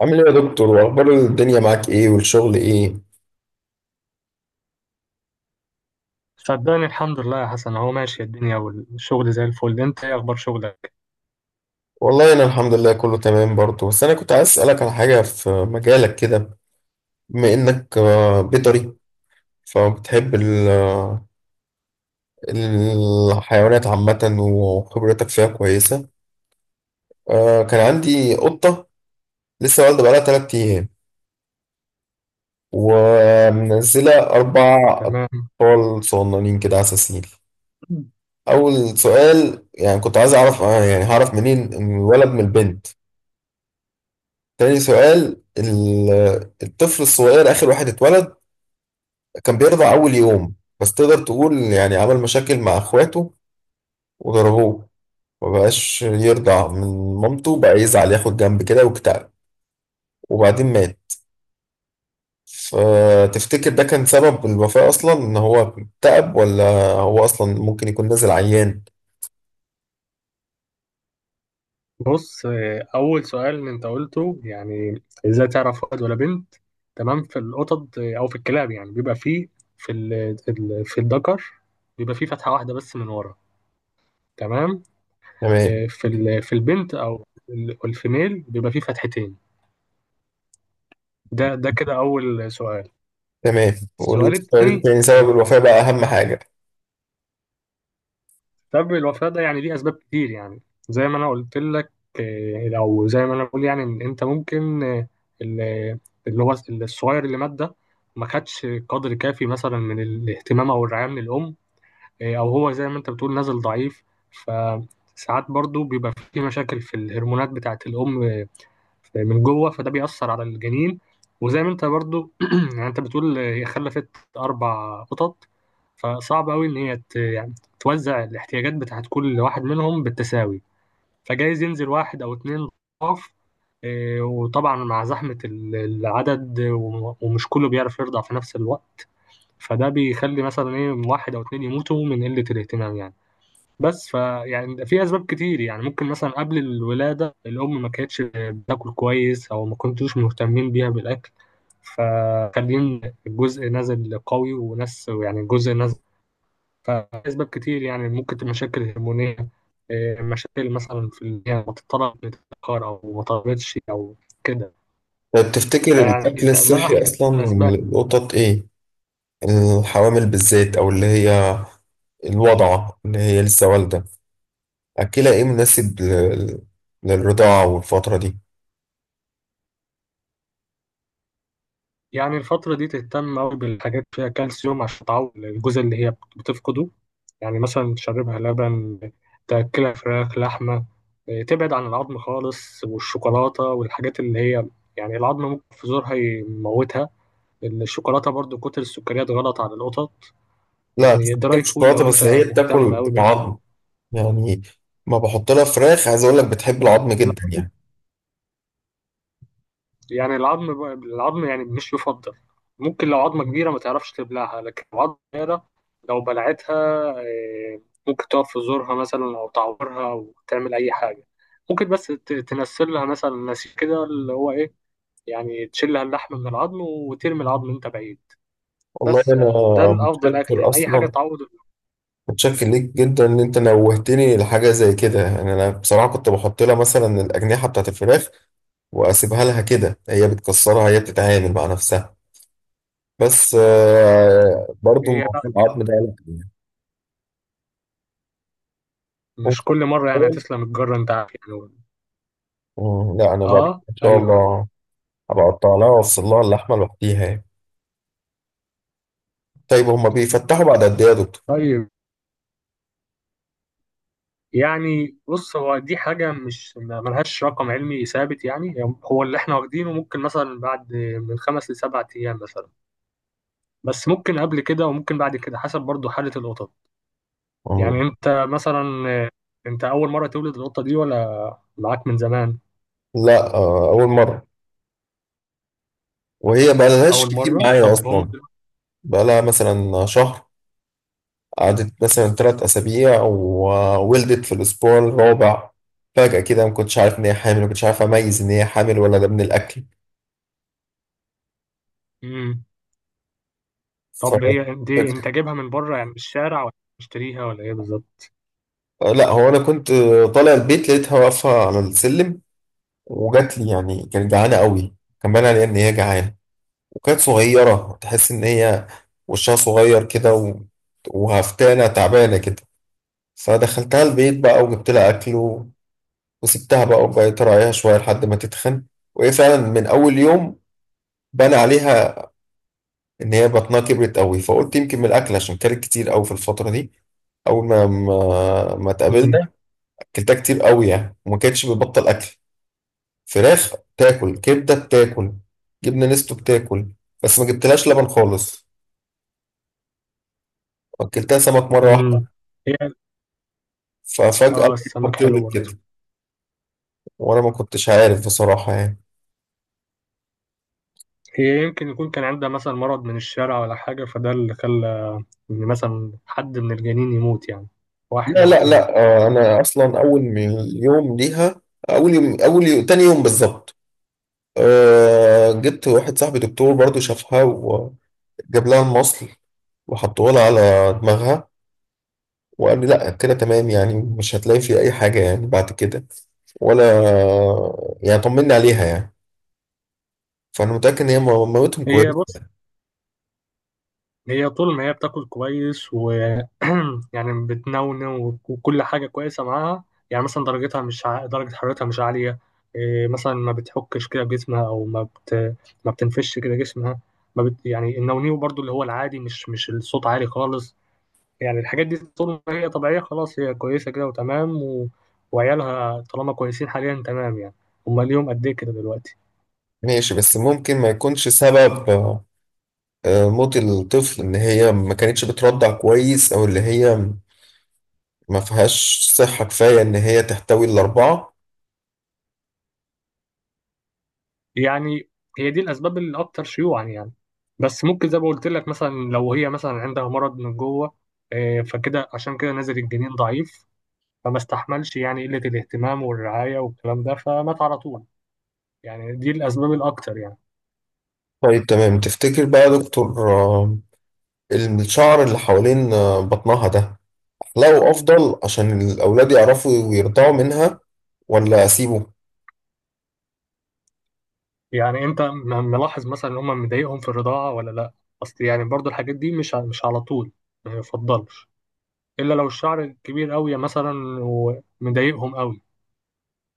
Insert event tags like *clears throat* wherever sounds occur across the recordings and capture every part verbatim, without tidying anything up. عامل ايه يا دكتور؟ واخبار الدنيا معاك ايه، والشغل ايه؟ صدقني الحمد لله يا حسن، هو ماشي الدنيا والشغل زي الفل. انت ايه اخبار شغلك؟ والله انا الحمد لله كله تمام برضه، بس انا كنت عايز اسالك على حاجه في مجالك كده. بما انك آه، بيطري، فبتحب ال- آه، الحيوانات عامه وخبرتك فيها كويسه. آه، كان عندي قطه لسه والده بقالها 3 ايام، ومنزله اربع تمام. اطفال صغننين كده عساسين. اول سؤال، يعني كنت عايز اعرف آه، يعني هعرف منين الولد من البنت؟ تاني سؤال، ال- الطفل الصغير آخر واحد اتولد، كان بيرضع أول يوم، بس تقدر تقول يعني عمل مشاكل مع إخواته وضربوه، مبقاش يرضع من مامته، بقى يزعل ياخد جنب كده واكتئب، وبعدين مات. فتفتكر ده كان سبب الوفاة أصلا إن هو اكتئب، ولا هو أصلا ممكن يكون نازل عيان؟ بص اه، اول سؤال انت قلته، يعني ازاي تعرف ولد ولا بنت. تمام. في القطط اه، او في الكلاب، يعني بيبقى فيه في ال ال- في الذكر بيبقى فيه فتحة واحدة بس من ورا. تمام. تمام. اه، في ال- في البنت او ال- الفيميل بيبقى فيه فتحتين. ده ده كده اول سؤال. تمام، السؤال والسؤال الثاني، التاني سبب الوفاة بقى أهم حاجة. سبب الوفاة ده يعني ليه أسباب كتير يعني. زي ما أنا قلت لك، آه، أو زي ما أنا بقول يعني إن أنت ممكن، آه، ال- اللي هو الصغير اللي مات ده ما خدش قدر كافي مثلا من الاهتمام أو الرعاية من الأم. آه، أو هو زي ما أنت بتقول نازل ضعيف. فساعات برضو بيبقى في مشاكل في الهرمونات بتاعة الأم من جوه، فده بيأثر على الجنين. وزي ما انت برضو *clears throat* يعني انت بتقول هي خلفت اربع قطط. فصعب قوي ان هي ت- يعني توزع الاحتياجات بتاعت كل واحد منهم بالتساوي. فجايز ينزل واحد او اتنين ضعف. اه، وطبعا مع زحمة ال- العدد وم- ومش كله بيعرف يرضع في نفس الوقت. فده بيخلي مثلا ايه واحد او اتنين يموتوا من قلة الاهتمام يعني. بس فيعني في اسباب كتير، يعني ممكن مثلا قبل الولاده الام ما كانتش بتاكل كويس او ما كنتوش مهتمين بيها بالاكل. فخلين الجزء نازل قوي وناس يعني الجزء نازل. فاسباب كتير، يعني ممكن تبقى مشاكل هرمونيه. إيه، مشاكل مثلا في ال- يعني ما تتطلب متاخر او ما طلبتش او كده. طب تفتكر فيعني الأكل ده, ده الصحي احد أصلا الاسباب. للقطط إيه؟ الحوامل بالذات، أو اللي هي الوضعة اللي هي لسه والدة، أكلها إيه مناسب لل- للرضاعة والفترة دي؟ يعني الفترة دي تهتم أوي بالحاجات فيها كالسيوم عشان تعوض الجزء اللي هي بتفقده. يعني مثلا تشربها لبن، تأكلها فراخ، لحمة. إيه، تبعد عن العظم خالص والشوكولاتة والحاجات اللي هي. يعني العظم ممكن في زورها يموتها. الشوكولاتة برضو كتر السكريات غلط على القطط. لا، مش يعني دراي بتاكل فود شوكولاتة، لو أنت بس هي مهتم بتاكل أوي بال. عظم. يعني ما بحط لها فراخ، عايز أقول لك بتحب العظم جدا يعني. يعني العظم العظم يعني مش يفضل. ممكن لو عظمة كبيرة ما تعرفش تبلعها، لكن لو عظمة صغيرة لو بلعتها، آه، ممكن تقف في زورها مثلا أو تعورها أو تعمل أي حاجة. ممكن بس ت- تنسل لها مثلا نسيج كده، اللي هو إيه. يعني تشيل لها اللحم من العظم وترمي العظم أنت بعيد. والله بس أنا آه، ده الأفضل أكل، متشكر. يعني أي حاجة أصلا تعوض ال- متشكر ليك جدا إن أنت نوهتني لحاجة زي كده. يعني أنا بصراحة كنت بحط لها مثلا الأجنحة بتاعت الفراخ، وأسيبها لها كده، هي بتكسرها، هي بتتعامل مع نفسها. بس آه، برضو هي موضوع لا، العظم ده لا يعني مش ممكن كل مرة يعني أول هتسلم الجرة أنت عارف. يعني. لا، أنا بعد كده آه إن شاء أيوه. الله هبقى أقطع لها وأوصل لها اللحمة لوحديها يعني. طيب هما بيفتحوا بعد قد إيه يا دكتور؟ طيب. يعني، بص هو دي حاجة مش ما- ملهاش رقم علمي ثابت يعني. هو اللي احنا واخدينه ممكن مثلا بعد من خمس لسبعة أيام مثلا. بس ممكن قبل كده، وممكن بعد كده، حسب برضو حالة القطط. يعني مم. انت مثلا، انت أول مرة تولد القطة دي ولا معاك من زمان؟ لا آه، أول مرة، وهي بقالهاش أول كتير مرة؟ معايا طب هم. أصلا، بقالها مثلا شهر، قعدت مثلا تلات أسابيع وولدت في الأسبوع الرابع. فجأة كده ما كنتش عارف إن هي حامل، ما كنتش عارف أميز إن هي حامل ولا ده من الأكل. مم. ف- طب هي دي انت فجيت جايبها من بره يعني، من الشارع ولا مشتريها ولا ايه بالظبط؟ آه، لا، هو انا كنت آه، طالع البيت لقيتها واقفه على السلم، وجات لي، يعني كانت جعانه قوي، كان باين عليها ان هي جعانه، وكانت صغيره تحس ان هي وشها صغير كده و... وهفتانه تعبانه كده. فدخلتها البيت بقى وجبت لها اكل و... وسبتها بقى، وبقيت اراعيها شويه لحد ما تتخن. وهي فعلا من اول يوم بان عليها ان هي بطنها كبرت قوي، فقلت يمكن من الاكل عشان كانت كتير قوي في الفتره دي اول ما ما, ما مم. اتقابلنا. اكلتها كتير قوي يعني، وما كانتش بتبطل اكل، فراخ بتاكل، كبدة بتاكل، جبنة نستو بتاكل، بس ما جبتلهاش لبن خالص. أكلتها سمك مرة مم. واحدة. هي ففجأة اه لقيتها السمك حلو بتولد برضه. كده، وأنا ما كنتش عارف بصراحة يعني. هي يمكن يكون كان عندها مثلا مرض من الشارع ولا حاجة، فده اللي خلى إن مثلا حد من الجنين يموت يعني، واحد لا، أو لا، اتنين. لا، آه، أنا أصلا أول من يوم ليها، أول يوم، أول يوم، تاني يوم بالظبط. أه، جبت واحد صاحبي دكتور برضو شافها، وجاب لها المصل وحطوه لها على دماغها، وقال لي لا، كده تمام يعني، مش هتلاقي فيه أي حاجة يعني بعد كده، ولا، يعني طمني عليها يعني. فانا متاكد ان هي مامتهم هي كويسه. بص، هي طول ما هي بتاكل كويس و *clears throat* يعني بتنونو وكل حاجة كويسة معاها. يعني مثلا درجتها مش ع... درجة حرارتها مش عالية. إيه، مثلا ما بتحكش كده جسمها أو ما بت... ما بتنفش كده جسمها. ما بت... يعني النونيو برضو اللي هو العادي، مش مش الصوت عالي خالص. يعني الحاجات دي طول ما هي طبيعية خلاص، هي كويسة كده وتمام و... وعيالها طالما كويسين حاليا تمام يعني. هما ليهم قد إيه كده دلوقتي؟ ماشي، بس ممكن ما يكونش سبب آه، آه، موت الطفل ان هي ما كانتش بترضع كويس، او اللي هي ما فيهاش صحه كفايه ان هي تحتوي الاربعه؟ يعني هي دي الأسباب الأكثر شيوعا يعني. بس ممكن زي ما قلت لك، مثلا لو هي مثلا عندها مرض من جوه، آه، فكده عشان كده نزل الجنين ضعيف. فما استحملش يعني قلة الاهتمام والرعاية والكلام ده، فمات على طول. يعني دي الأسباب الأكتر يعني. طيب تمام. تفتكر بقى يا دكتور، آه، الشعر اللي حوالين آه، بطنها ده احلقه افضل عشان الاولاد يعرفوا ويرضعوا منها، ولا اسيبه؟ يعني أنت م- ملاحظ مثلا إن هم مضايقهم في الرضاعة ولا لأ؟ أصل يعني برضو الحاجات دي مش ع- مش على طول ما يفضلش، إلا لو الشعر كبير أوي مثلا ومضايقهم أوي.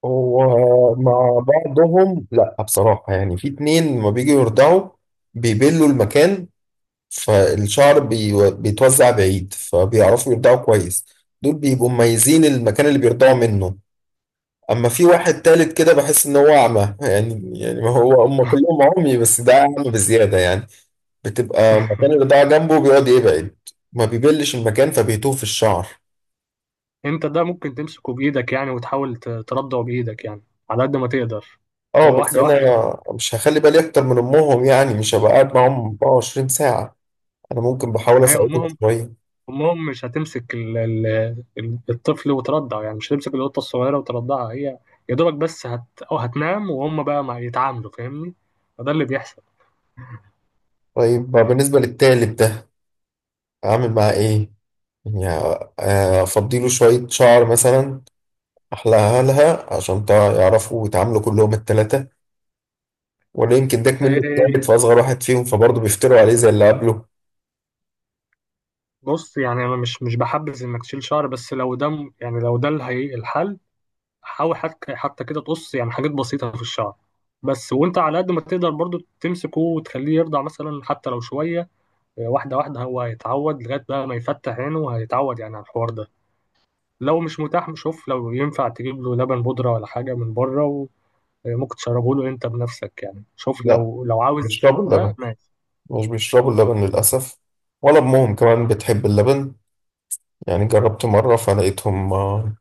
هو مع بعضهم لا بصراحه، يعني في اتنين لما بيجوا يرضعوا بيبلوا المكان، فالشعر بيو- بيتوزع بعيد، فبيعرفوا يرضعوا كويس، دول بيبقوا مميزين المكان اللي بيرضعوا منه. اما في واحد تالت كده بحس ان هو اعمى، يعني يعني ما هو هم *laughs* كلهم عمي بس ده اعمى بزياده يعني. بتبقى مكان الرضاعه جنبه بيقعد يبعد، ما بيبلش المكان فبيتوه في الشعر. انت ده ممكن تمسكه بايدك يعني، وتحاول ت- تردعه بايدك يعني، على قد ما تقدر. اه، هو بس واحده انا واحده. مش هخلي بالي اكتر من امهم، يعني مش هبقى قاعد معاهم 24 ساعه، انا ممكن بحاول ما هي اساعدهم امهم، شويه. امهم مش هتمسك ال ال ال- الطفل وترضعه، يعني مش هتمسك القطه الصغيره وترضعها هي. يا دوبك بس هت او هتنام، وهم بقى ما يتعاملوا، فاهمني. فده اللي بيحصل. طيب بالنسبه للتالت ده اعمل معاه ايه؟ يعني آه، افضيله شوية شعر مثلا، احلقها لها عشان تع- يعرفوا يتعاملوا كلهم التلاتة، ولا يمكن داك منه ايه، التالت فاصغر واحد فيهم، فبرضه بيفتروا عليه زي اللي قبله؟ بص يعني انا مش مش بحبذ انك تشيل شعر، بس لو ده م- يعني لو ده الهي- الحل. حاول حتى حتى كده تقص يعني حاجات بسيطة في الشعر. بس وانت على قد ما تقدر برضو تمسكه وتخليه يرضع مثلا حتى لو شوية. آه، واحدة واحدة هو هيتعود لغاية بقى ما يفتح عينه، وهيتعود يعني على الحوار ده. لو مش متاح شوف لو ينفع تجيب له لبن بودرة ولا حاجة من بره. وممكن تشربه له انت بنفسك يعني، شوف لا، لو لو عاوز. بيشربوا ده اللبن، ماشي. مش بيشربوا اللبن للأسف، ولا أمهم كمان بتحب اللبن. يعني جربت مرة فلقيتهم آه،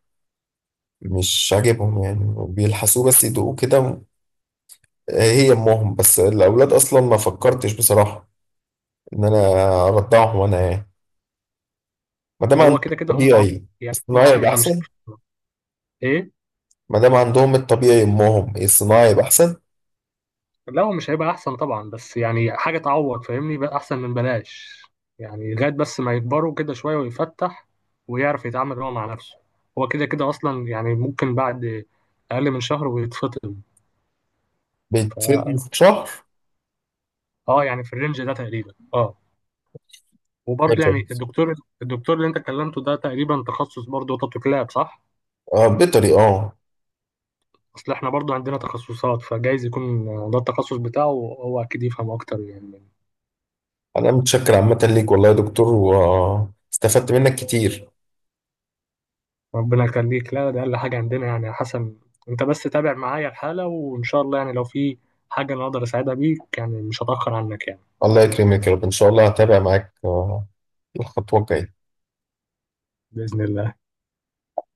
مش عاجبهم، يعني بيلحسوه بس يدوقوه كده. آه، هي أمهم، بس الأولاد أصلا ما فكرتش بصراحة إن أنا أرضعهم أنا يعني. ما دام هو عندهم كده كده هم عمي. الطبيعي، يعني هم الصناعي عمي، يبقى فمش احسن. هيفرق. ايه. ما دام عندهم الطبيعي، امهم، الصناعي يبقى احسن. لا هو مش هيبقى احسن طبعا، بس يعني حاجه تعوض، فاهمني، بقى احسن من بلاش. يعني لغايه بس ما يكبروا كده شويه ويفتح ويعرف يتعامل هو مع نفسه. هو كده كده اصلا، يعني ممكن بعد اقل من شهر ويتفطم. بيتسد ف في شهر. اه يعني في الرينج ده تقريبا، اه وبرضه يعني، بيخلص. الدكتور الدكتور اللي انت كلمته ده تقريبا تخصص برضه قطط وكلاب، صح؟ آه، بيطري، اه. اصل احنا برضه عندنا تخصصات، فجايز يكون ده التخصص بتاعه، هو اكيد يفهم اكتر يعني. انا متشكر عامه ليك والله يا دكتور، واستفدت منك كتير. ربنا يخليك. لا ده اقل حاجه عندنا يعني يا حسن. انت بس تابع معايا الحاله، وان شاء الله يعني لو في حاجه انا اقدر اساعدها بيك يعني، مش هتاخر عنك يعني. الله يكرمك يا رب، ان شاء الله هتابع معاك آه، الخطوه الجايه. باذن الله.